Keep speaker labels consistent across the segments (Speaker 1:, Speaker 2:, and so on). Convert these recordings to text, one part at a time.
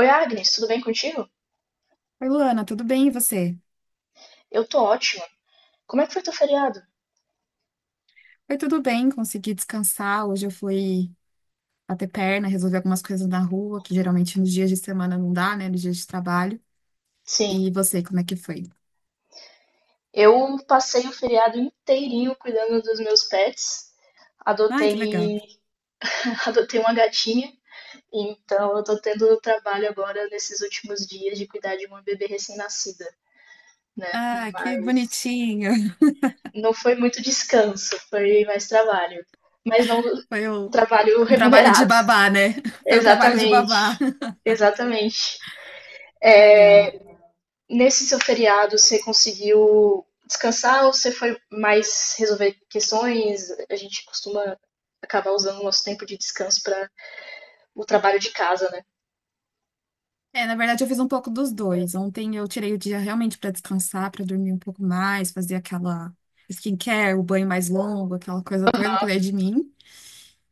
Speaker 1: Oi, Agnes, tudo bem contigo?
Speaker 2: Oi, Luana, tudo bem e você?
Speaker 1: Eu tô ótima. Como é que foi teu feriado?
Speaker 2: Foi tudo bem, consegui descansar. Hoje eu fui bater perna, resolver algumas coisas na rua, que geralmente nos dias de semana não dá, né? Nos dias de trabalho.
Speaker 1: Sim,
Speaker 2: E você, como é que foi?
Speaker 1: eu passei o feriado inteirinho cuidando dos meus pets.
Speaker 2: Ai, que legal.
Speaker 1: Adotei, adotei uma gatinha, então eu tô tendo trabalho agora nesses últimos dias de cuidar de uma bebê recém-nascida, né?
Speaker 2: Ah, que
Speaker 1: Mas
Speaker 2: bonitinho.
Speaker 1: não foi muito descanso, foi mais trabalho. Mas não
Speaker 2: Foi o-
Speaker 1: trabalho
Speaker 2: um trabalho de
Speaker 1: remunerado.
Speaker 2: babá, né? Foi um trabalho de babá.
Speaker 1: Exatamente, exatamente.
Speaker 2: Legal.
Speaker 1: É. Nesse seu feriado, você conseguiu descansar ou você foi mais resolver questões? A gente costuma acabar usando o nosso tempo de descanso para o trabalho de casa, né?
Speaker 2: É, na verdade eu fiz um pouco dos dois. Ontem eu tirei o dia realmente para descansar, para dormir um pouco mais, fazer aquela skincare, o banho mais longo, aquela coisa toda, eu cuidei de mim.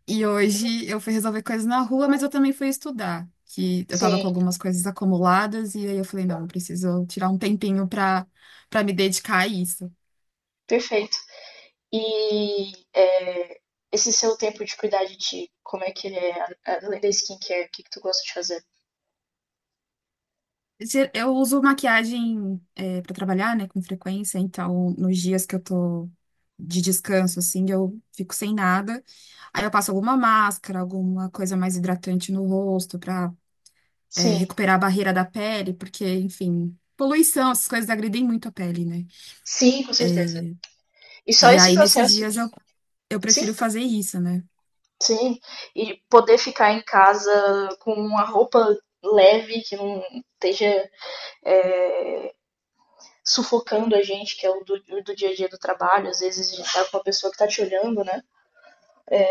Speaker 2: E hoje eu fui resolver coisas na rua, mas eu também fui estudar, que eu tava com
Speaker 1: Sim,
Speaker 2: algumas coisas acumuladas e aí eu falei, não, eu preciso tirar um tempinho pra para me dedicar a isso.
Speaker 1: perfeito. E é, esse seu tempo de cuidar de ti, como é que ele é? Além da skincare, o que que tu gosta de fazer?
Speaker 2: Eu uso maquiagem para trabalhar, né, com frequência, então nos dias que eu tô de descanso assim, eu fico sem nada. Aí eu passo alguma máscara, alguma coisa mais hidratante no rosto pra
Speaker 1: Sim,
Speaker 2: recuperar a barreira da pele, porque, enfim, poluição, essas coisas agridem muito a pele, né?
Speaker 1: sim, com certeza. E só
Speaker 2: E
Speaker 1: esse
Speaker 2: aí, nesses
Speaker 1: processo,
Speaker 2: dias, eu
Speaker 1: sim,
Speaker 2: prefiro fazer isso, né?
Speaker 1: sim. E poder ficar em casa com uma roupa leve, que não esteja é, sufocando a gente, que é o do dia a dia do trabalho, às vezes a gente tá com uma pessoa que tá te olhando, né?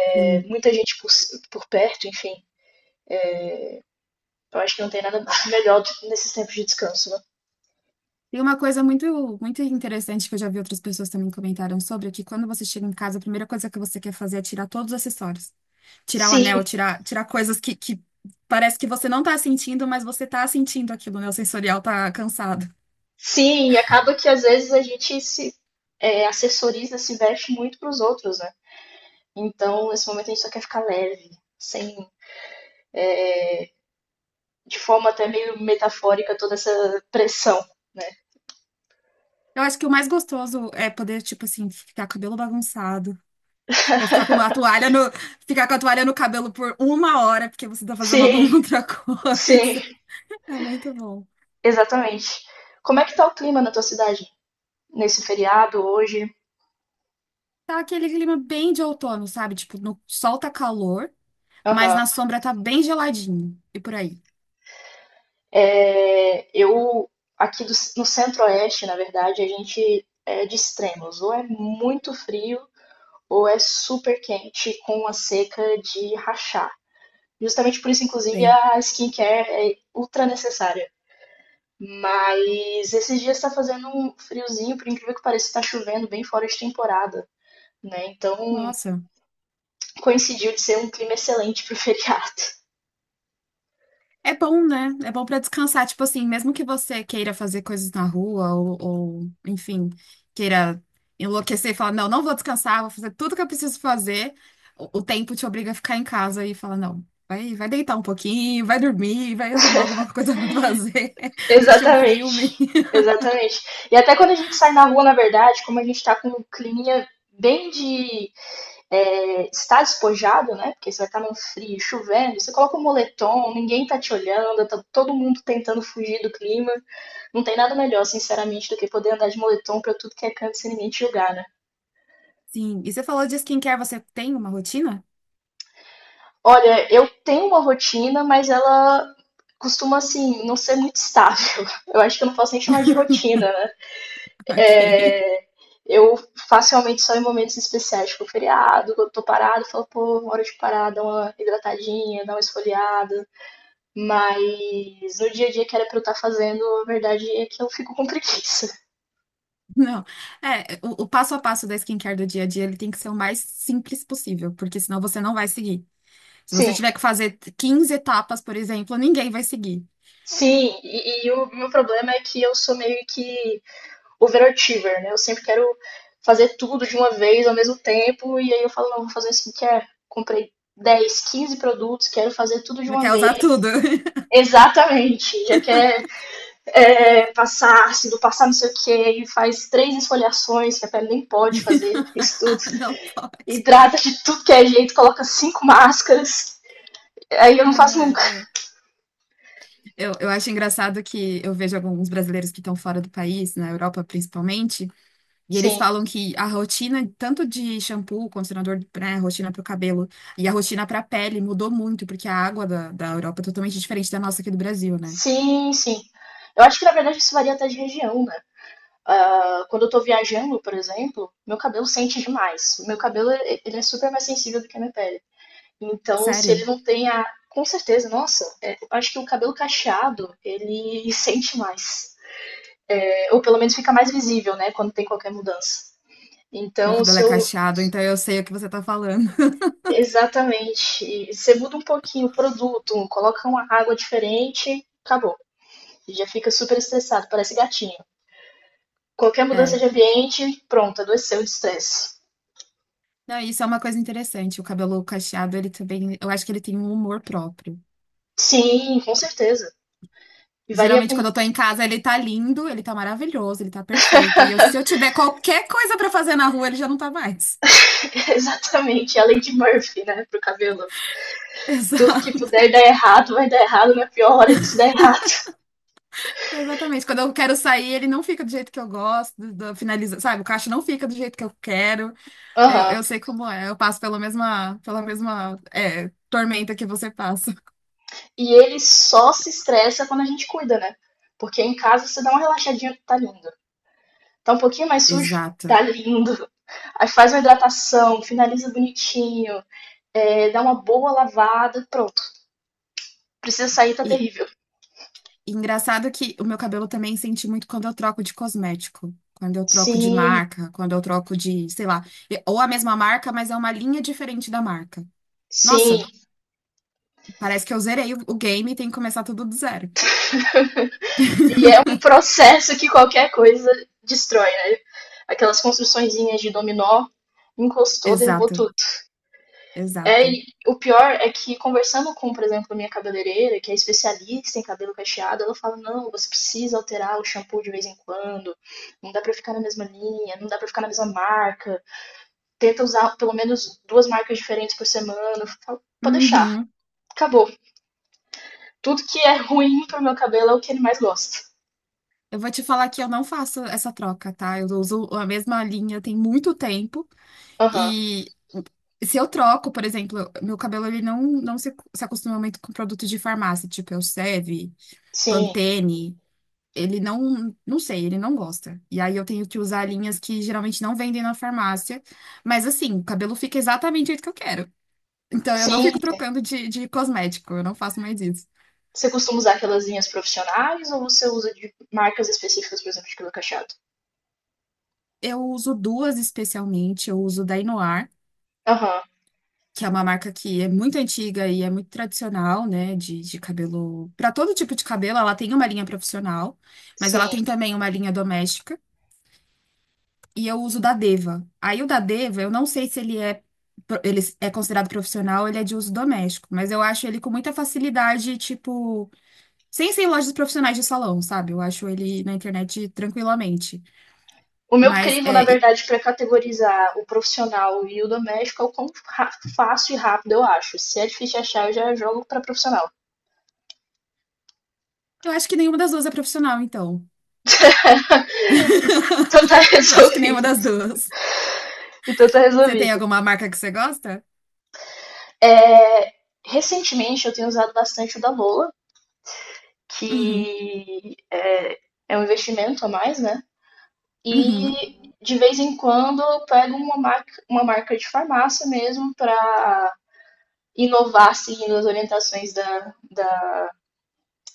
Speaker 1: É,
Speaker 2: Sim.
Speaker 1: muita gente por perto, enfim. Eu acho que não tem nada melhor do que nesses tempos de descanso, né?
Speaker 2: Tem uma coisa muito, muito interessante que eu já vi outras pessoas também comentaram sobre, é que quando você chega em casa, a primeira coisa que você quer fazer é tirar todos os acessórios. Tirar o anel,
Speaker 1: Sim,
Speaker 2: tirar coisas que parece que você não tá sentindo, mas você tá sentindo aquilo, né? O sensorial tá cansado.
Speaker 1: sim, e acaba que às vezes a gente se assessoriza, se veste muito pros outros, né? Então, nesse momento a gente só quer ficar leve, sem, de forma até meio metafórica, toda essa pressão, né?
Speaker 2: Eu acho que o mais gostoso é poder, tipo assim, ficar com o cabelo bagunçado. Ou ficar com a toalha no, ficar com a toalha no cabelo por uma hora, porque você tá fazendo
Speaker 1: Sim,
Speaker 2: alguma outra
Speaker 1: sim,
Speaker 2: coisa. É muito bom.
Speaker 1: exatamente. Como é que tá o clima na tua cidade? Nesse feriado, hoje?
Speaker 2: Tá aquele clima bem de outono, sabe? Tipo, no sol tá calor, mas
Speaker 1: Aham.
Speaker 2: na sombra tá bem geladinho. E por aí.
Speaker 1: É, aqui no centro-oeste, na verdade, a gente é de extremos. Ou é muito frio, ou é super quente com a seca de rachar. Justamente por isso, inclusive,
Speaker 2: Sei.
Speaker 1: a skincare é ultra necessária. Mas esses dias está fazendo um friozinho, por incrível que pareça, está chovendo bem fora de temporada, né? Então
Speaker 2: Nossa.
Speaker 1: coincidiu de ser um clima excelente para o feriado.
Speaker 2: É bom, né? É bom pra descansar. Tipo assim, mesmo que você queira fazer coisas na rua enfim, queira enlouquecer e falar, não, não vou descansar, vou fazer tudo que eu preciso fazer. O tempo te obriga a ficar em casa e fala, não, vai deitar um pouquinho, vai dormir, vai arrumar alguma coisa pra fazer, assistir um
Speaker 1: Exatamente,
Speaker 2: filme.
Speaker 1: exatamente. E até quando a gente sai na rua, na verdade, como a gente tá com um climinha bem de estar despojado, né? Porque você vai estar num frio, chovendo, você coloca um moletom, ninguém tá te olhando, tá todo mundo tentando fugir do clima. Não tem nada melhor, sinceramente, do que poder andar de moletom pra tudo que é canto sem ninguém te julgar, né?
Speaker 2: Sim. E você falou de skincare, você tem uma rotina?
Speaker 1: Olha, eu tenho uma rotina, mas ela costuma, assim, não ser muito estável. Eu acho que eu não posso nem chamar de rotina, né?
Speaker 2: Ok.
Speaker 1: É, eu facilmente só em momentos especiais, tipo feriado, quando eu tô parado, eu falo, pô, uma hora de parar, dar uma hidratadinha, dar uma esfoliada. Mas no dia a dia que era pra eu estar fazendo, a verdade é que eu fico com preguiça.
Speaker 2: Não, é, O passo a passo da skincare do dia a dia, ele tem que ser o mais simples possível, porque senão você não vai seguir. Se você
Speaker 1: Sim,
Speaker 2: tiver que fazer 15 etapas, por exemplo, ninguém vai seguir.
Speaker 1: sim, e o meu problema é que eu sou meio que overachiever, né? Eu sempre quero fazer tudo de uma vez ao mesmo tempo, e aí eu falo, não, vou fazer um skincare. Comprei 10, 15 produtos, quero fazer tudo de
Speaker 2: Já
Speaker 1: uma
Speaker 2: quer usar
Speaker 1: vez.
Speaker 2: tudo.
Speaker 1: Exatamente, já quer passar ácido, passar não sei o que, e faz três esfoliações, que a pele nem pode fazer isso tudo.
Speaker 2: Não pode.
Speaker 1: Hidrata de tudo que é jeito, coloca cinco máscaras. Aí eu não
Speaker 2: Não,
Speaker 1: faço
Speaker 2: é,
Speaker 1: nunca.
Speaker 2: é. Eu acho engraçado que eu vejo alguns brasileiros que estão fora do país, na Europa principalmente, e eles
Speaker 1: Sim,
Speaker 2: falam que a rotina, tanto de shampoo, condicionador, né, rotina para o cabelo, e a rotina para a pele mudou muito, porque a água da Europa é totalmente diferente da nossa aqui do Brasil, né?
Speaker 1: sim, sim. Eu acho que na verdade isso varia até de região, né? Quando eu tô viajando, por exemplo, meu cabelo sente demais. Meu cabelo ele é super mais sensível do que a minha pele. Então, se
Speaker 2: Sério?
Speaker 1: ele não tem a. Com certeza, nossa, é, eu acho que o cabelo cacheado, ele sente mais. Ou pelo menos fica mais visível, né? Quando tem qualquer mudança.
Speaker 2: Meu
Speaker 1: Então,
Speaker 2: cabelo
Speaker 1: se
Speaker 2: é
Speaker 1: eu.
Speaker 2: cacheado, então eu sei o que você tá falando.
Speaker 1: Exatamente. Você muda um pouquinho o produto, coloca uma água diferente, acabou. Já fica super estressado, parece gatinho. Qualquer mudança
Speaker 2: É.
Speaker 1: de ambiente, pronto, adoeceu de estresse.
Speaker 2: Não, isso é uma coisa interessante. O cabelo cacheado, ele também, eu acho que ele tem um humor próprio.
Speaker 1: Sim, com certeza. E varia
Speaker 2: Geralmente,
Speaker 1: com
Speaker 2: quando eu tô em casa, ele tá lindo, ele tá maravilhoso, ele tá perfeito. E se eu tiver qualquer coisa pra fazer na rua, ele já não tá mais.
Speaker 1: exatamente a lei de Murphy, né, pro cabelo. Tudo que
Speaker 2: Exato.
Speaker 1: puder dar errado vai dar errado na pior hora de se dar errado.
Speaker 2: Exatamente. Quando eu quero sair, ele não fica do jeito que eu gosto, finaliza, sabe? O cacho não fica do jeito que eu quero.
Speaker 1: Aham.
Speaker 2: Eu sei como é. Eu passo pela mesma, tormenta que você passa.
Speaker 1: E ele só se estressa quando a gente cuida, né? Porque em casa você dá uma relaxadinha, tá lindo. Tá um pouquinho mais sujo,
Speaker 2: Exato.
Speaker 1: tá lindo. Aí faz uma hidratação, finaliza bonitinho, dá uma boa lavada, pronto. Precisa sair, tá
Speaker 2: E,
Speaker 1: terrível.
Speaker 2: E engraçado que o meu cabelo também senti muito quando eu troco de cosmético, quando eu troco de
Speaker 1: Sim,
Speaker 2: marca, quando eu troco de, sei lá, ou a mesma marca, mas é uma linha diferente da marca.
Speaker 1: sim.
Speaker 2: Nossa, parece que eu zerei o game e tem que começar tudo do zero.
Speaker 1: E é um processo que qualquer coisa destrói, né? Aquelas construçõezinhas de dominó, encostou, derrubou
Speaker 2: Exato,
Speaker 1: tudo. É,
Speaker 2: exato.
Speaker 1: e o pior é que conversando com, por exemplo, a minha cabeleireira, que é especialista em cabelo cacheado, ela fala: "Não, você precisa alterar o shampoo de vez em quando. Não dá pra ficar na mesma linha, não dá pra ficar na mesma marca. Tenta usar pelo menos duas marcas diferentes por semana". Eu falo, Pode deixar.
Speaker 2: Uhum.
Speaker 1: Acabou. Tudo que é ruim pro meu cabelo é o que ele mais gosta.
Speaker 2: Eu vou te falar que eu não faço essa troca, tá? Eu uso a mesma linha tem muito tempo
Speaker 1: Aham.
Speaker 2: e se eu troco, por exemplo, meu cabelo ele não, não se acostuma muito com produto de farmácia, tipo Elseve,
Speaker 1: Sim.
Speaker 2: Pantene. Ele não sei, ele não gosta. E aí eu tenho que usar linhas que geralmente não vendem na farmácia. Mas assim, o cabelo fica exatamente do jeito que eu quero. Então eu não
Speaker 1: Sim.
Speaker 2: fico trocando de cosmético, eu não faço mais isso.
Speaker 1: Você costuma usar aquelas linhas profissionais ou você usa de marcas específicas, por exemplo, de cabelo cacheado?
Speaker 2: Eu uso duas especialmente, eu uso da Inoar,
Speaker 1: Aham.
Speaker 2: que é uma marca que é muito antiga e é muito tradicional, né, de cabelo. Para todo tipo de cabelo, ela tem uma linha profissional, mas
Speaker 1: Sim.
Speaker 2: ela tem também uma linha doméstica. E eu uso o da Deva. Aí o da Deva, eu não sei se ele é ele é considerado profissional, ele é de uso doméstico, mas eu acho ele com muita facilidade, tipo, sem ser em lojas profissionais de salão, sabe? Eu acho ele na internet tranquilamente.
Speaker 1: O meu
Speaker 2: Mas
Speaker 1: crivo, na
Speaker 2: é, e-
Speaker 1: verdade, para categorizar o profissional e o doméstico é o quão fácil e rápido eu acho. Se é difícil de achar, eu já jogo para profissional.
Speaker 2: eu acho que nenhuma das duas é profissional, então.
Speaker 1: Então tá
Speaker 2: Eu acho que nenhuma
Speaker 1: resolvido.
Speaker 2: das duas.
Speaker 1: Então tá
Speaker 2: Você tem
Speaker 1: resolvido.
Speaker 2: alguma marca que você gosta?
Speaker 1: É, recentemente eu tenho usado bastante o da Lola,
Speaker 2: Uhum,
Speaker 1: que é um investimento a mais, né?
Speaker 2: uhum,
Speaker 1: E de vez em quando eu pego uma marca de farmácia mesmo para inovar seguindo as orientações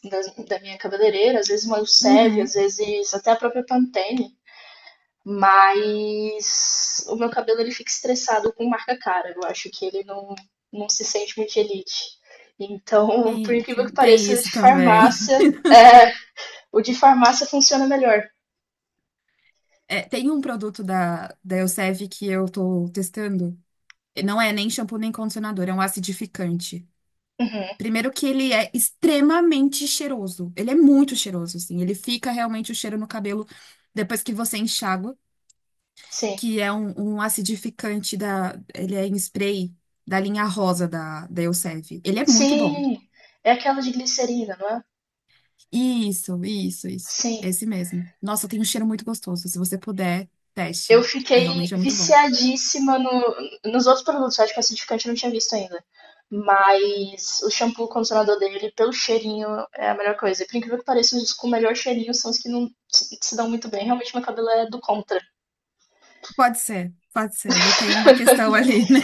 Speaker 1: da, da minha cabeleireira, às vezes uma Elseve, às
Speaker 2: uhum.
Speaker 1: vezes até a própria Pantene. Mas o meu cabelo ele fica estressado com marca cara. Eu acho que ele não, não se sente muito elite. Então, por
Speaker 2: Tem,
Speaker 1: incrível que
Speaker 2: tem tem
Speaker 1: pareça, o
Speaker 2: isso
Speaker 1: de
Speaker 2: também.
Speaker 1: farmácia, é, o de farmácia funciona melhor.
Speaker 2: É, tem um produto da Elseve que eu tô testando. Não é nem shampoo nem condicionador, é um acidificante.
Speaker 1: Uhum,
Speaker 2: Primeiro que ele é extremamente cheiroso. Ele é muito cheiroso, assim. Ele fica realmente o cheiro no cabelo depois que você enxágua,
Speaker 1: sim.
Speaker 2: que é um acidificante da... Ele é em spray da linha rosa da Elseve. Ele é muito bom.
Speaker 1: Sim, é aquela de glicerina, não é?
Speaker 2: Isso, isso, isso.
Speaker 1: Sim.
Speaker 2: Esse mesmo. Nossa, tem um cheiro muito gostoso. Se você puder,
Speaker 1: Eu
Speaker 2: teste. É
Speaker 1: fiquei
Speaker 2: realmente é muito bom.
Speaker 1: viciadíssima no, nos outros produtos. Eu acho que o acidificante eu não tinha visto ainda. Mas o shampoo, o condicionador dele, pelo cheirinho, é a melhor coisa. E por incrível que pareça, os com o melhor cheirinho são os que não se dão muito bem. Realmente, meu cabelo é do contra.
Speaker 2: Pode ser, pode ser. Ele tem uma questão ali, né?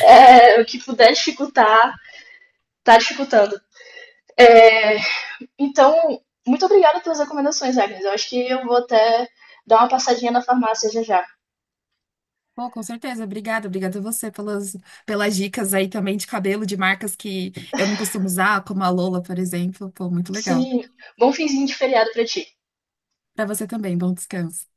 Speaker 1: É, o que puder dificultar, tá dificultando. É, então, muito obrigada pelas recomendações, Agnes. Eu acho que eu vou até dar uma passadinha na farmácia já já.
Speaker 2: Pô, com certeza, obrigada, obrigada a você pelas, pelas dicas aí também de cabelo, de marcas que eu não costumo usar, como a Lola, por exemplo. Pô, muito legal.
Speaker 1: Sim, bom finzinho de feriado pra ti.
Speaker 2: Pra você também, bom descanso.